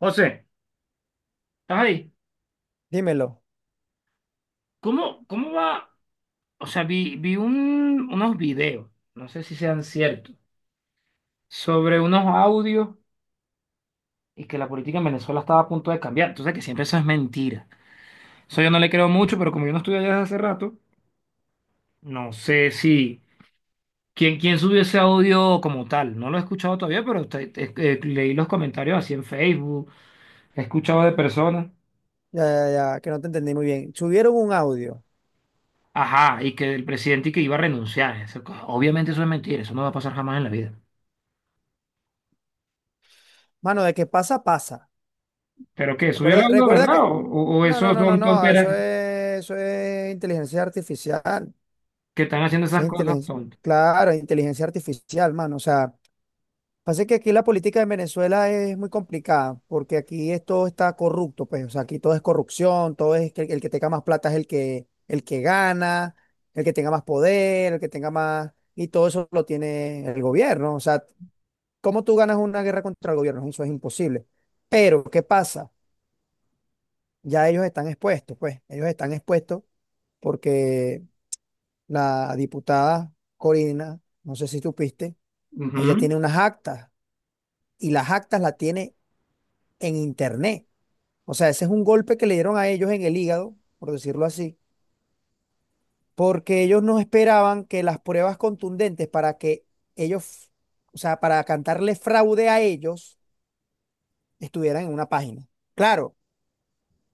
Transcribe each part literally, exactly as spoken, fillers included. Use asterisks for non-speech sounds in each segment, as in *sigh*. José, ay, Dímelo. ¿cómo, cómo va? O sea, vi, vi un- unos videos, no sé si sean ciertos, sobre unos audios y que la política en Venezuela estaba a punto de cambiar. Entonces, que siempre eso es mentira. Eso yo no le creo mucho, pero como yo no estuve allá desde hace rato, no sé si... ¿Quién, quién subió ese audio como tal? No lo he escuchado todavía, pero te- te- eh, leí los comentarios así en Facebook, he escuchado de personas. Ya, ya, ya, que no te entendí muy bien. Subieron un audio. Ajá, y que el presidente y que iba a renunciar. Eso- obviamente eso es mentira, eso no va a pasar jamás en la vida. Mano, de que pasa, pasa. ¿Pero qué? ¿Subió el Recuerda, audio, recuerda verdad? que. ¿O, o- o No, no, esos no, no, son no. tonteras Eso es, eso es inteligencia artificial. que están haciendo Eso esas es cosas inteligencia. tontas? Claro, inteligencia artificial, mano. O sea, pasa que aquí la política en Venezuela es muy complicada, porque aquí es- todo está corrupto, pues, o sea, aquí todo es corrupción, todo es que el, que tenga más plata es el que, el que gana, el que tenga más poder, el que tenga más, y todo eso lo tiene el gobierno. O sea, ¿cómo tú ganas una guerra contra el gobierno? Eso es imposible. Pero, ¿qué pasa? Ya ellos están expuestos, pues, ellos están expuestos porque la diputada Corina, no sé si supiste, ella Ujú. tiene unas actas, y las actas las tiene en internet. O sea, ese es un golpe que le dieron a ellos en el hígado, por decirlo así, porque ellos no esperaban que las pruebas contundentes para que ellos, o sea, para cantarle fraude a ellos, estuvieran en una página. Claro.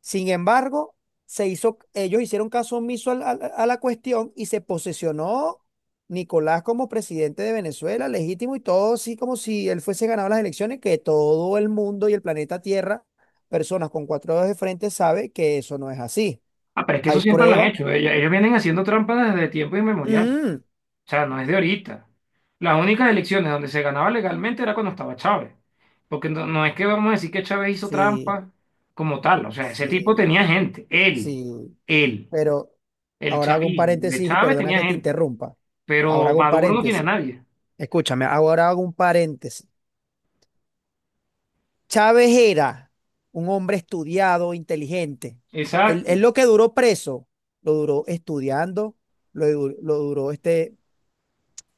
Sin embargo, se hizo, ellos hicieron caso omiso al- al- a la cuestión y se posesionó Nicolás como presidente de Venezuela, legítimo y todo así como si él fuese ganado las elecciones, que todo el mundo y el planeta Tierra, personas con cuatro dedos de frente, sabe que eso no es así. Ah, pero es que eso Hay siempre lo han pruebas. hecho. Ellos, ellos vienen haciendo trampas desde tiempo inmemorial. Mm, O sea, no es de ahorita. Las únicas elecciones donde se ganaba legalmente era cuando estaba Chávez. Porque no, no es que vamos a decir que Chávez hizo sí, trampa como tal. O sea, ese tipo sí, tenía gente. Él, sí. él, Pero el ahora hago un chavismo de paréntesis y Chávez perdona tenía que te gente. interrumpa. Ahora Pero hago un Maduro no tiene a paréntesis. nadie. Escúchame, ahora hago un paréntesis. Chávez era un hombre estudiado, inteligente. Él, él Exacto. lo que duró preso, lo duró estudiando, lo, lo duró este,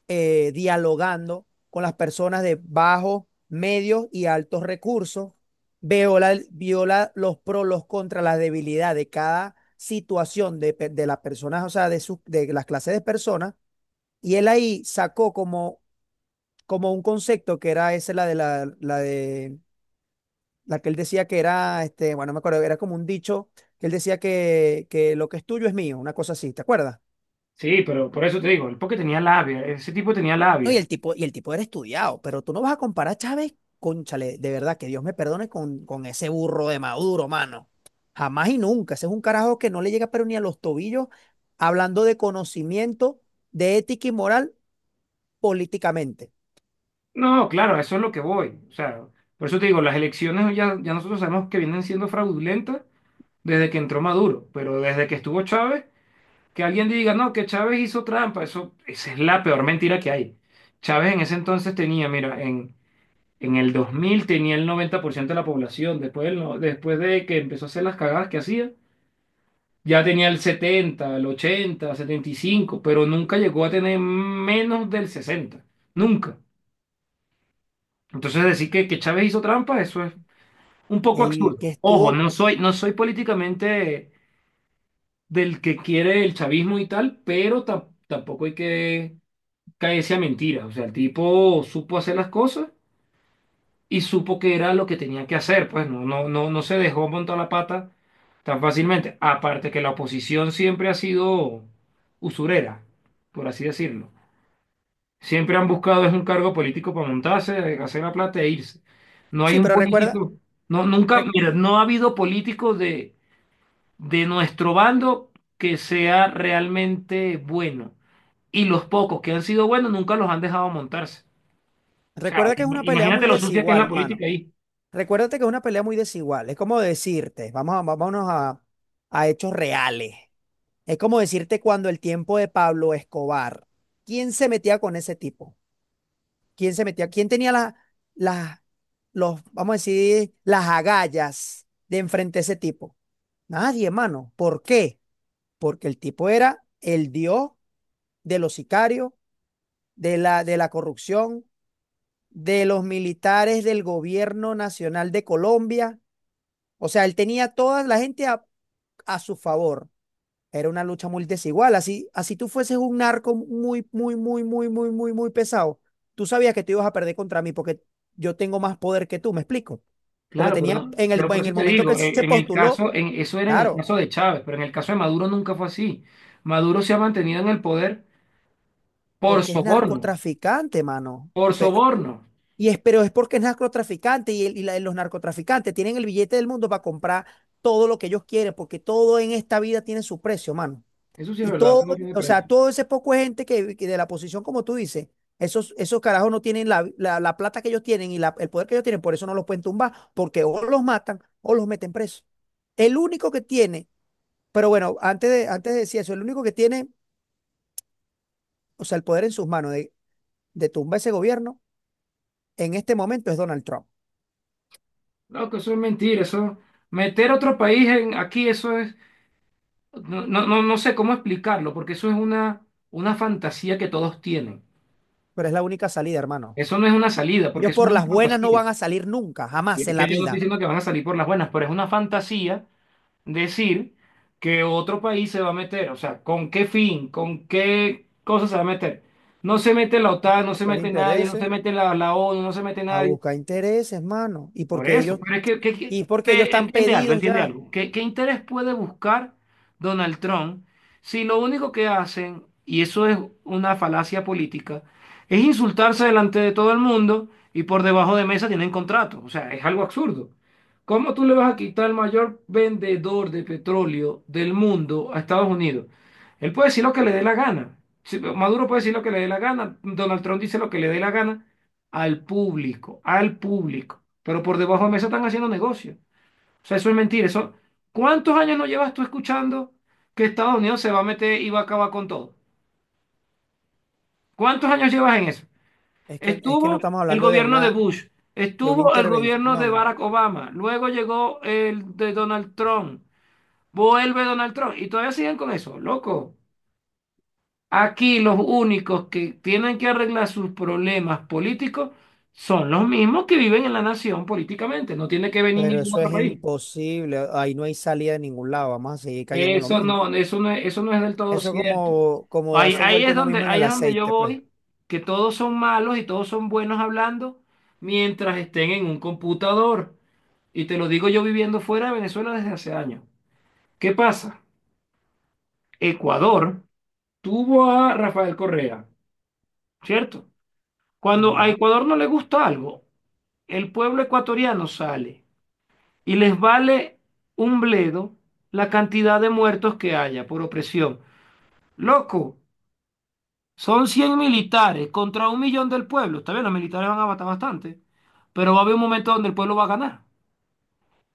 eh, dialogando con las personas de bajos, medios y altos recursos. Viola, viola los pros, los contras, las debilidades de cada situación de, de las personas, o sea, de, sus- de las clases de personas. Y él ahí sacó como, como un concepto que era ese, la de la, la de la que él decía que era, este, bueno, no me acuerdo, era como un dicho que él decía que, que lo que es tuyo es mío, una cosa así, ¿te acuerdas? Sí, pero por eso te digo, el porque tenía labia, ese tipo tenía No, y labia. el tipo, y el tipo era estudiado, pero tú no vas a comparar a Chávez con Chale, de verdad, que Dios me perdone con, con ese burro de Maduro, mano. Jamás y nunca. Ese es un carajo que no le llega pero ni a los tobillos, hablando de conocimiento, de ética y moral políticamente. No, claro, a eso es lo que voy. O sea, por eso te digo, las elecciones ya, ya nosotros sabemos que vienen siendo fraudulentas desde que entró Maduro, pero desde que estuvo Chávez, que alguien diga, no, que Chávez hizo trampa, eso, esa es la peor mentira que hay. Chávez en ese entonces tenía, mira, en, en el dos mil tenía el noventa por ciento de la población, después, del no- después de que empezó a hacer las cagadas que hacía, ya tenía el setenta el ochenta setenta y cinco, pero nunca llegó a tener menos del sesenta nunca. Entonces decir que, que Chávez hizo trampa, eso es un poco El que absurdo. Ojo, estuvo, no soy, no soy políticamente del que quiere el chavismo y tal, pero tam- tampoco hay que caerse a mentiras. O sea, el tipo supo hacer las cosas y supo que era lo que tenía que hacer. Pues no, no, no, no se dejó montar la pata tan fácilmente. Aparte que la oposición siempre ha sido usurera, por así decirlo. Siempre han buscado es un cargo político para montarse, hacer la plata e irse. No hay sí, un pero recuerda, político, no, nunca, re- mira, no ha habido políticos de de nuestro bando que sea realmente bueno. Y los pocos que han sido buenos nunca los han dejado montarse. O sea, recuerda que es im- una pelea imagínate muy lo sucia que es la desigual, política mano. ahí. Recuérdate que es una pelea muy desigual. Es como decirte, vamos a, vámonos a, a hechos reales. Es como decirte cuando el tiempo de Pablo Escobar, ¿quién se metía con ese tipo? ¿Quién se metía? ¿Quién tenía la, la- los, vamos a decir, las agallas de enfrente a ese tipo? Nadie, hermano. ¿Por qué? Porque el tipo era el dios de los sicarios, de la, de la corrupción, de los militares del gobierno nacional de Colombia. O sea, él tenía toda la gente a, a su favor. Era una lucha muy desigual. Así, así tú fueses un narco muy, muy, muy, muy, muy, muy, muy pesado. Tú sabías que tú ibas a perder contra mí porque yo tengo más poder que tú, ¿me explico? Porque Claro, pero tenía, no, en el, pero por en eso el te momento que digo, él en, se en el postuló, caso, en, eso era en el claro, caso de Chávez, pero en el caso de Maduro nunca fue así. Maduro se ha mantenido en el poder por porque es soborno, narcotraficante, mano. por Y, pe- soborno. y es, pero es porque es narcotraficante y, el- y la- los narcotraficantes tienen el billete del mundo para comprar todo lo que ellos quieren, porque todo en esta vida tiene su precio, mano. Eso sí es Y verdad, todo, tú no tienes o sea, precio. todo ese poco de gente que, que de la posición, como tú dices, esos, esos carajos no tienen la, la- la plata que ellos tienen y la- el poder que ellos tienen, por eso no los pueden tumbar, porque o los matan o los meten presos. El único que tiene, pero bueno, antes de, antes de decir eso, el único que tiene, o sea, el poder en sus manos de, de tumbar ese gobierno en este momento es Donald Trump. No, que eso es mentira, eso, meter otro país en, aquí, eso es, no, no, no, no sé cómo explicarlo, porque eso es una, una fantasía que todos tienen. Pero es la única salida, hermano. Eso no es una salida, porque Ellos eso por es una las buenas no fantasía. van a salir nunca, Y jamás es en la que yo no estoy vida. diciendo que van a salir por las buenas, pero es una fantasía decir que otro país se va a meter. O sea, ¿con qué fin? ¿Con qué cosa se va a meter? No se mete la A OTAN, no se buscar mete nadie, no se intereses, mete la, la ONU, no se mete a nadie. buscar intereses, hermano. Y Por porque eso, ellos pero es que, que- que- y es porque ellos eh, están entiende algo, pedidos entiende ya. algo. ¿Qué, qué interés puede buscar Donald Trump si lo único que hacen, y eso es una falacia política, es insultarse delante de todo el mundo y por debajo de mesa tienen contrato? O sea, es algo absurdo. ¿Cómo tú le vas a quitar el mayor vendedor de petróleo del mundo a Estados Unidos? Él puede decir lo que le dé la gana. Si- Maduro puede decir lo que le dé la gana, Donald Trump dice lo que le dé la gana al público, al público, pero por debajo de mesa están haciendo negocio. O sea, eso es mentira. Eso, ¿cuántos años no llevas tú escuchando que Estados Unidos se va a meter y va a acabar con todo? ¿Cuántos años llevas en eso? Es que, es que no Estuvo estamos el hablando de gobierno de una, Bush, de una estuvo el gobierno de intervención, Barack Obama, luego llegó el de Donald Trump, vuelve Donald Trump y todavía siguen con eso, loco. Aquí los únicos que tienen que arreglar sus problemas políticos son los mismos que viven en la nación políticamente. No tiene que venir pero ningún eso otro es país. imposible. Ahí no hay salida de ningún lado. Vamos a seguir cayendo en lo Eso mismo. no, eso no, es- eso no es del todo Eso es cierto. como, como Ahí, darse ahí vuelta es uno donde, mismo en ahí el es donde yo aceite, pues. voy, que todos son malos y todos son buenos hablando mientras estén en un computador. Y te lo digo yo viviendo fuera de Venezuela desde hace años. ¿Qué pasa? Ecuador tuvo a Rafael Correa, ¿cierto? Cuando a Ajá. Ecuador no le gusta algo, el pueblo ecuatoriano sale y les vale un bledo la cantidad de muertos que haya por opresión. Loco, son cien militares contra un millón del pueblo. Está bien, los militares van a matar bastante, pero va a haber un momento donde el pueblo va a ganar.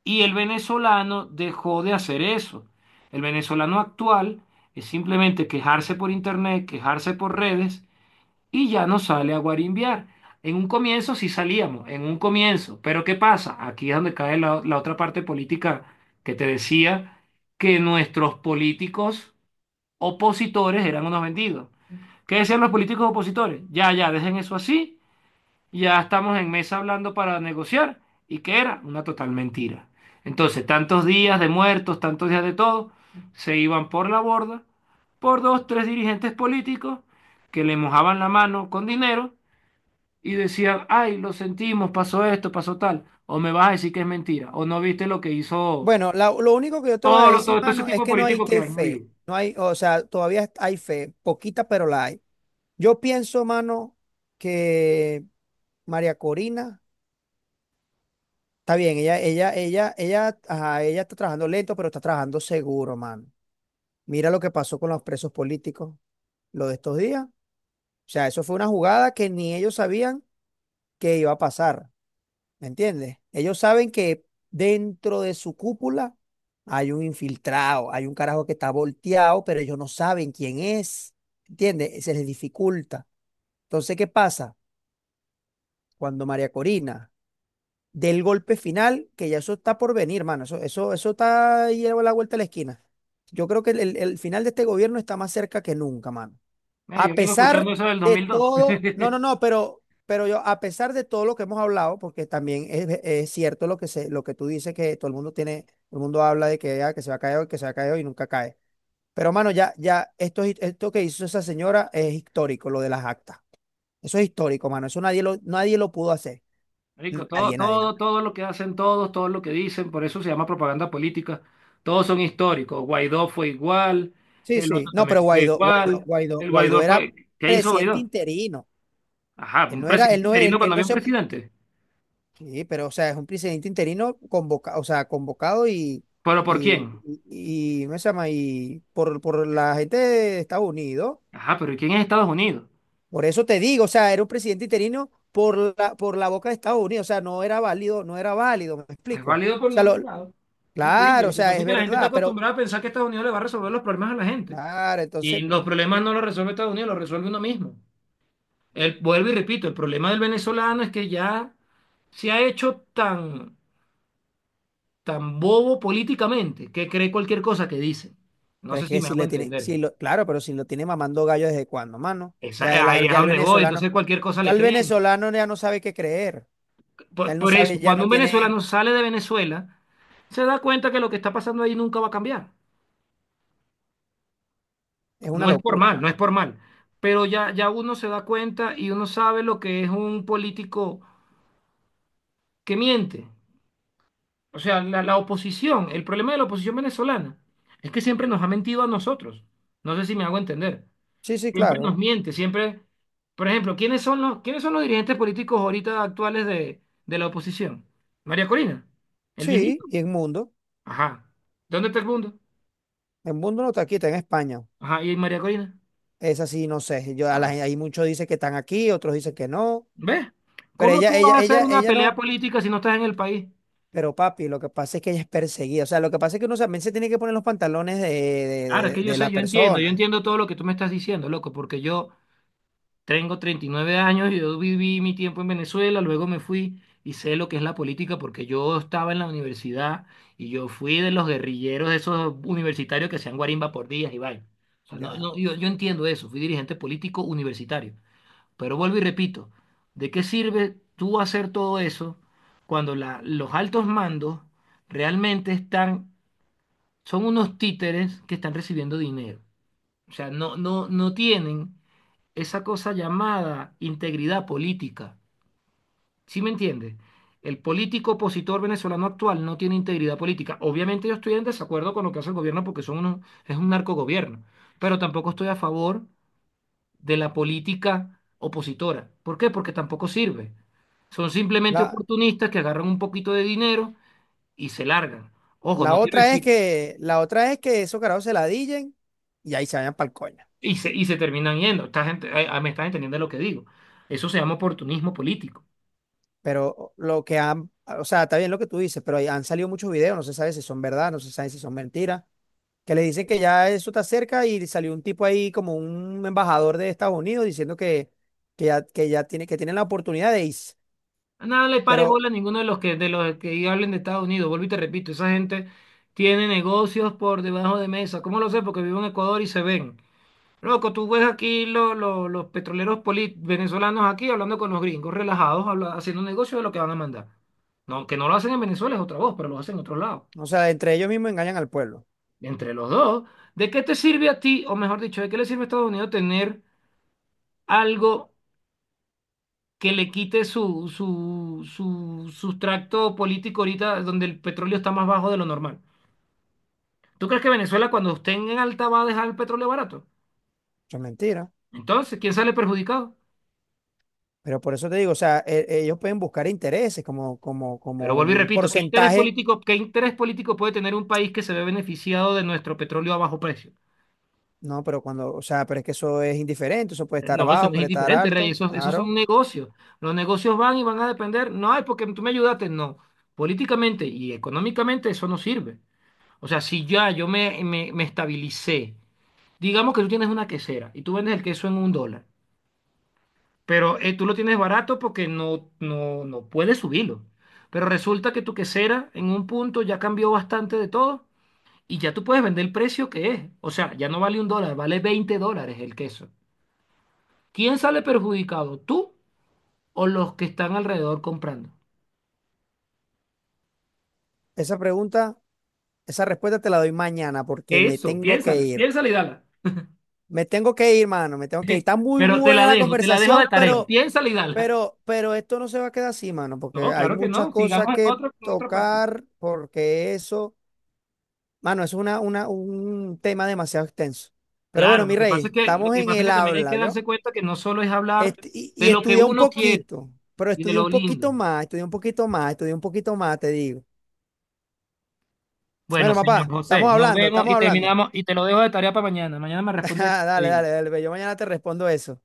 Y el venezolano dejó de hacer eso. El venezolano actual es simplemente quejarse por internet, quejarse por redes y ya no sale a guarimbiar. En un comienzo sí salíamos, en un comienzo, pero ¿qué pasa? Aquí es donde cae la, la otra parte política que te decía, que nuestros políticos opositores eran unos vendidos. ¿Qué decían los políticos opositores? Ya, ya, dejen eso así, ya estamos en mesa hablando para negociar, y que era una total mentira. Entonces, tantos días de muertos, tantos días de todo, se iban por la borda por dos, tres dirigentes políticos que le mojaban la mano con dinero y decían, ay, lo sentimos, pasó esto, pasó tal, o me vas a decir que es mentira, o no viste lo que hizo Bueno, la- lo único que yo te voy a todo, lo- decir, todo, todo ese mano, tipo es de que no hay políticos que que han habido. fe. No hay, o sea, todavía hay fe, poquita, pero la hay. Yo pienso, mano, que María Corina, está bien, ella, ella, ella, ella, ajá, ella está trabajando lento, pero está trabajando seguro, mano. Mira lo que pasó con los presos políticos, lo de estos días. O sea, eso fue una jugada que ni ellos sabían que iba a pasar, ¿me entiendes? Ellos saben que dentro de su cúpula hay un infiltrado, hay un carajo que está volteado, pero ellos no saben quién es, ¿entiendes? Se les dificulta. Entonces, ¿qué pasa? Cuando María Corina del golpe final, que ya eso está por venir, mano, eso, eso, eso está ahí a la vuelta de la esquina. Yo creo que el el- el final de este gobierno está más cerca que nunca, mano. Mira, A yo vengo pesar escuchando eso del de dos mil dos. todo, no, no, *laughs* no, pero, pero yo, a pesar de todo lo que hemos hablado, porque también es, es cierto lo que se, lo que tú dices, que todo el mundo tiene, todo el mundo habla de que, ah, que se va a caer hoy, que se va a caer hoy y nunca cae. Pero mano, ya, ya, esto, es- esto que hizo esa señora es histórico, lo de las actas. Eso es histórico, mano. Eso nadie lo, nadie lo pudo hacer. Rico, todo, Nadie, nadie, nadie. todo, todo lo que hacen todos, todo lo que dicen, por eso se llama propaganda política. Todos son históricos. Guaidó fue igual, Sí, el sí. otro No, también pero fue Guaidó, Guaidó, igual. Guaidó, El Guaidó Guaidó era fue. ¿Qué hizo presidente Guaidó? interino. Ajá, Él un no era, él presidente no, interino él, cuando él no había un se, presidente. sí, pero o sea, es un presidente interino convoca o sea, convocado y, ¿Pero por quién? y, y, y- ¿cómo se llama? Y por, por la gente de Estados Unidos. Ajá, pero ¿y quién es Estados Unidos? Por eso te digo, o sea, era un presidente interino por la, por la boca de Estados Unidos. O sea, no era válido, no era válido, ¿me No es explico? O válido por sea, lo, ningún lado. Eso te digo, claro, o lo que sea, pasa es es que la gente está verdad, pero acostumbrada a pensar que Estados Unidos le va a resolver los problemas a la gente. claro, Y entonces, los problemas ¿qué? no los resuelve Estados Unidos, los resuelve uno mismo. El, vuelvo y repito, el problema del venezolano es que ya se ha hecho tan, tan bobo políticamente que cree cualquier cosa que dice. No Pero es sé si que me si hago le tiene, entender. si lo, claro, pero si lo tiene mamando gallo desde cuándo, mano. Ya Esa- ahí el, es a ya el donde voy, venezolano, entonces cualquier cosa ya le el creen. venezolano ya no sabe qué creer. Ya Por, él no por eso, sabe, ya cuando no un tiene. venezolano sale de Venezuela, se da cuenta que lo que está pasando ahí nunca va a cambiar. Es una No es por locura, mal, man. no es por mal, pero ya, ya uno se da cuenta y uno sabe lo que es un político que miente. O sea, la, la oposición, el problema de la oposición venezolana es que siempre nos ha mentido a nosotros. No sé si me hago entender. Sí, sí, Siempre nos claro. miente, siempre... Por ejemplo, ¿quiénes son los, quiénes son los dirigentes políticos ahorita actuales de, de la oposición? María Corina, el Sí, viejito. y en mundo. Ajá. ¿Dónde está el mundo? En mundo no está aquí, está en España. Ajá, ¿y María Corina? Es así, no sé. Yo, a la Ajá. gen- hay muchos dicen que están aquí, otros dicen que no. ¿Ves? Pero ¿Cómo ella, tú vas ella, a hacer ella, una ella pelea no. política si no estás en el país? Pero papi, lo que pasa es que ella es perseguida. O sea, lo que pasa es que uno también se tiene que poner los pantalones de, Claro, es de- de- que yo de sé, la yo entiendo, yo persona. entiendo todo lo que tú me estás diciendo, loco, porque yo tengo treinta y nueve años, y yo viví mi tiempo en Venezuela, luego me fui y sé lo que es la política porque yo estaba en la universidad y yo fui de los guerrilleros, de esos universitarios que hacían guarimba por días y vaina. O sea, no, Ya. no, yo, yo entiendo eso, fui dirigente político universitario. Pero vuelvo y repito, ¿de qué sirve tú hacer todo eso cuando la- los altos mandos realmente están, son unos títeres que están recibiendo dinero? O sea, no, no, no tienen esa cosa llamada integridad política. ¿Sí me entiende? El político opositor venezolano actual no tiene integridad política. Obviamente yo estoy en desacuerdo con lo que hace el gobierno porque son unos- es un narcogobierno, pero tampoco estoy a favor de la política opositora. ¿Por qué? Porque tampoco sirve. Son simplemente La, oportunistas que agarran un poquito de dinero y se largan. Ojo, la no quiero otra es decir, que, la otra es que esos carajos se la dillen y ahí se vayan pa'l coño. y se, y se terminan yendo. Esta gente, eh, me estás entendiendo lo que digo. Eso se llama oportunismo político. Pero lo que han, o sea, está bien lo que tú dices, pero ahí han salido muchos videos, no se sabe si son verdad, no se sabe si son mentiras, que le dicen que ya eso está cerca y salió un tipo ahí como un embajador de Estados Unidos diciendo que, que ya, que ya tiene, que tienen la oportunidad de irse. Nada, no le pare bola Pero, a ninguno de los que de los que hablen de Estados Unidos. Vuelvo y te repito, esa gente tiene negocios por debajo de mesa. ¿Cómo lo sé? Porque vivo en Ecuador y se ven. Loco, tú ves aquí lo- lo- los petroleros poli- venezolanos aquí hablando con los gringos, relajados, habla- haciendo negocio de lo que van a mandar. No, que no lo hacen en Venezuela es otra voz, pero lo hacen en otros lados. o sea, entre ellos mismos engañan al pueblo. Entre los dos, ¿de qué te sirve a ti, o mejor dicho, de qué le sirve a Estados Unidos tener algo que le quite su, su, su sustrato político ahorita donde el petróleo está más bajo de lo normal? ¿Tú crees que Venezuela cuando esté en alta va a dejar el petróleo barato? Eso es mentira. Entonces, ¿quién sale perjudicado? Pero por eso te digo, o sea, e- ellos pueden buscar intereses como, como, Pero como vuelvo y un repito, ¿qué interés porcentaje. político, qué interés político puede tener un país que se ve beneficiado de nuestro petróleo a bajo precio? No, pero cuando, o sea, pero es que eso es indiferente, eso puede estar No, eso abajo, no es puede estar indiferente, Rey, alto, esos, esos son claro. negocios. Los negocios van y van a depender, no ay, porque tú me ayudaste, no. Políticamente y económicamente eso no sirve. O sea, si ya yo me, me me estabilicé. Digamos que tú tienes una quesera y tú vendes el queso en un dólar, pero eh, tú lo tienes barato porque no, no, no puedes subirlo. Pero resulta que tu quesera en un punto ya cambió bastante de todo y ya tú puedes vender el precio que es. O sea, ya no vale un dólar, vale veinte dólares el queso. ¿Quién sale perjudicado? ¿Tú o los que están alrededor comprando? Esa pregunta, esa respuesta te la doy mañana porque me Eso, tengo que piénsala, ir. piénsala y dala. Me tengo que ir, mano, me tengo que ir. Está muy Pero te buena la la dejo, te la dejo de conversación, tarea. pero... Piénsala y dala. Pero, pero esto no se va a quedar así, mano, porque No, hay claro que muchas no. cosas Sigamos en que otra, en otra parte. tocar, porque eso, mano, eso es una, una, un tema demasiado extenso. Pero Claro, bueno, lo mi que pasa rey, es que, lo estamos que en pasa es el que también hay que habla, ¿yo? darse cuenta que no solo es hablar Est- y, de y lo que estudié un uno quiere poquito, pero y de estudié un lo poquito lindo. más, estudié un poquito más, estudié un poquito más, te digo. Bueno, Bueno, señor papá, José, estamos nos hablando, vemos estamos y hablando. terminamos y te lo dejo de tarea para mañana. Mañana me *laughs* respondes. Dale, dale, dale, ve, yo mañana te respondo eso.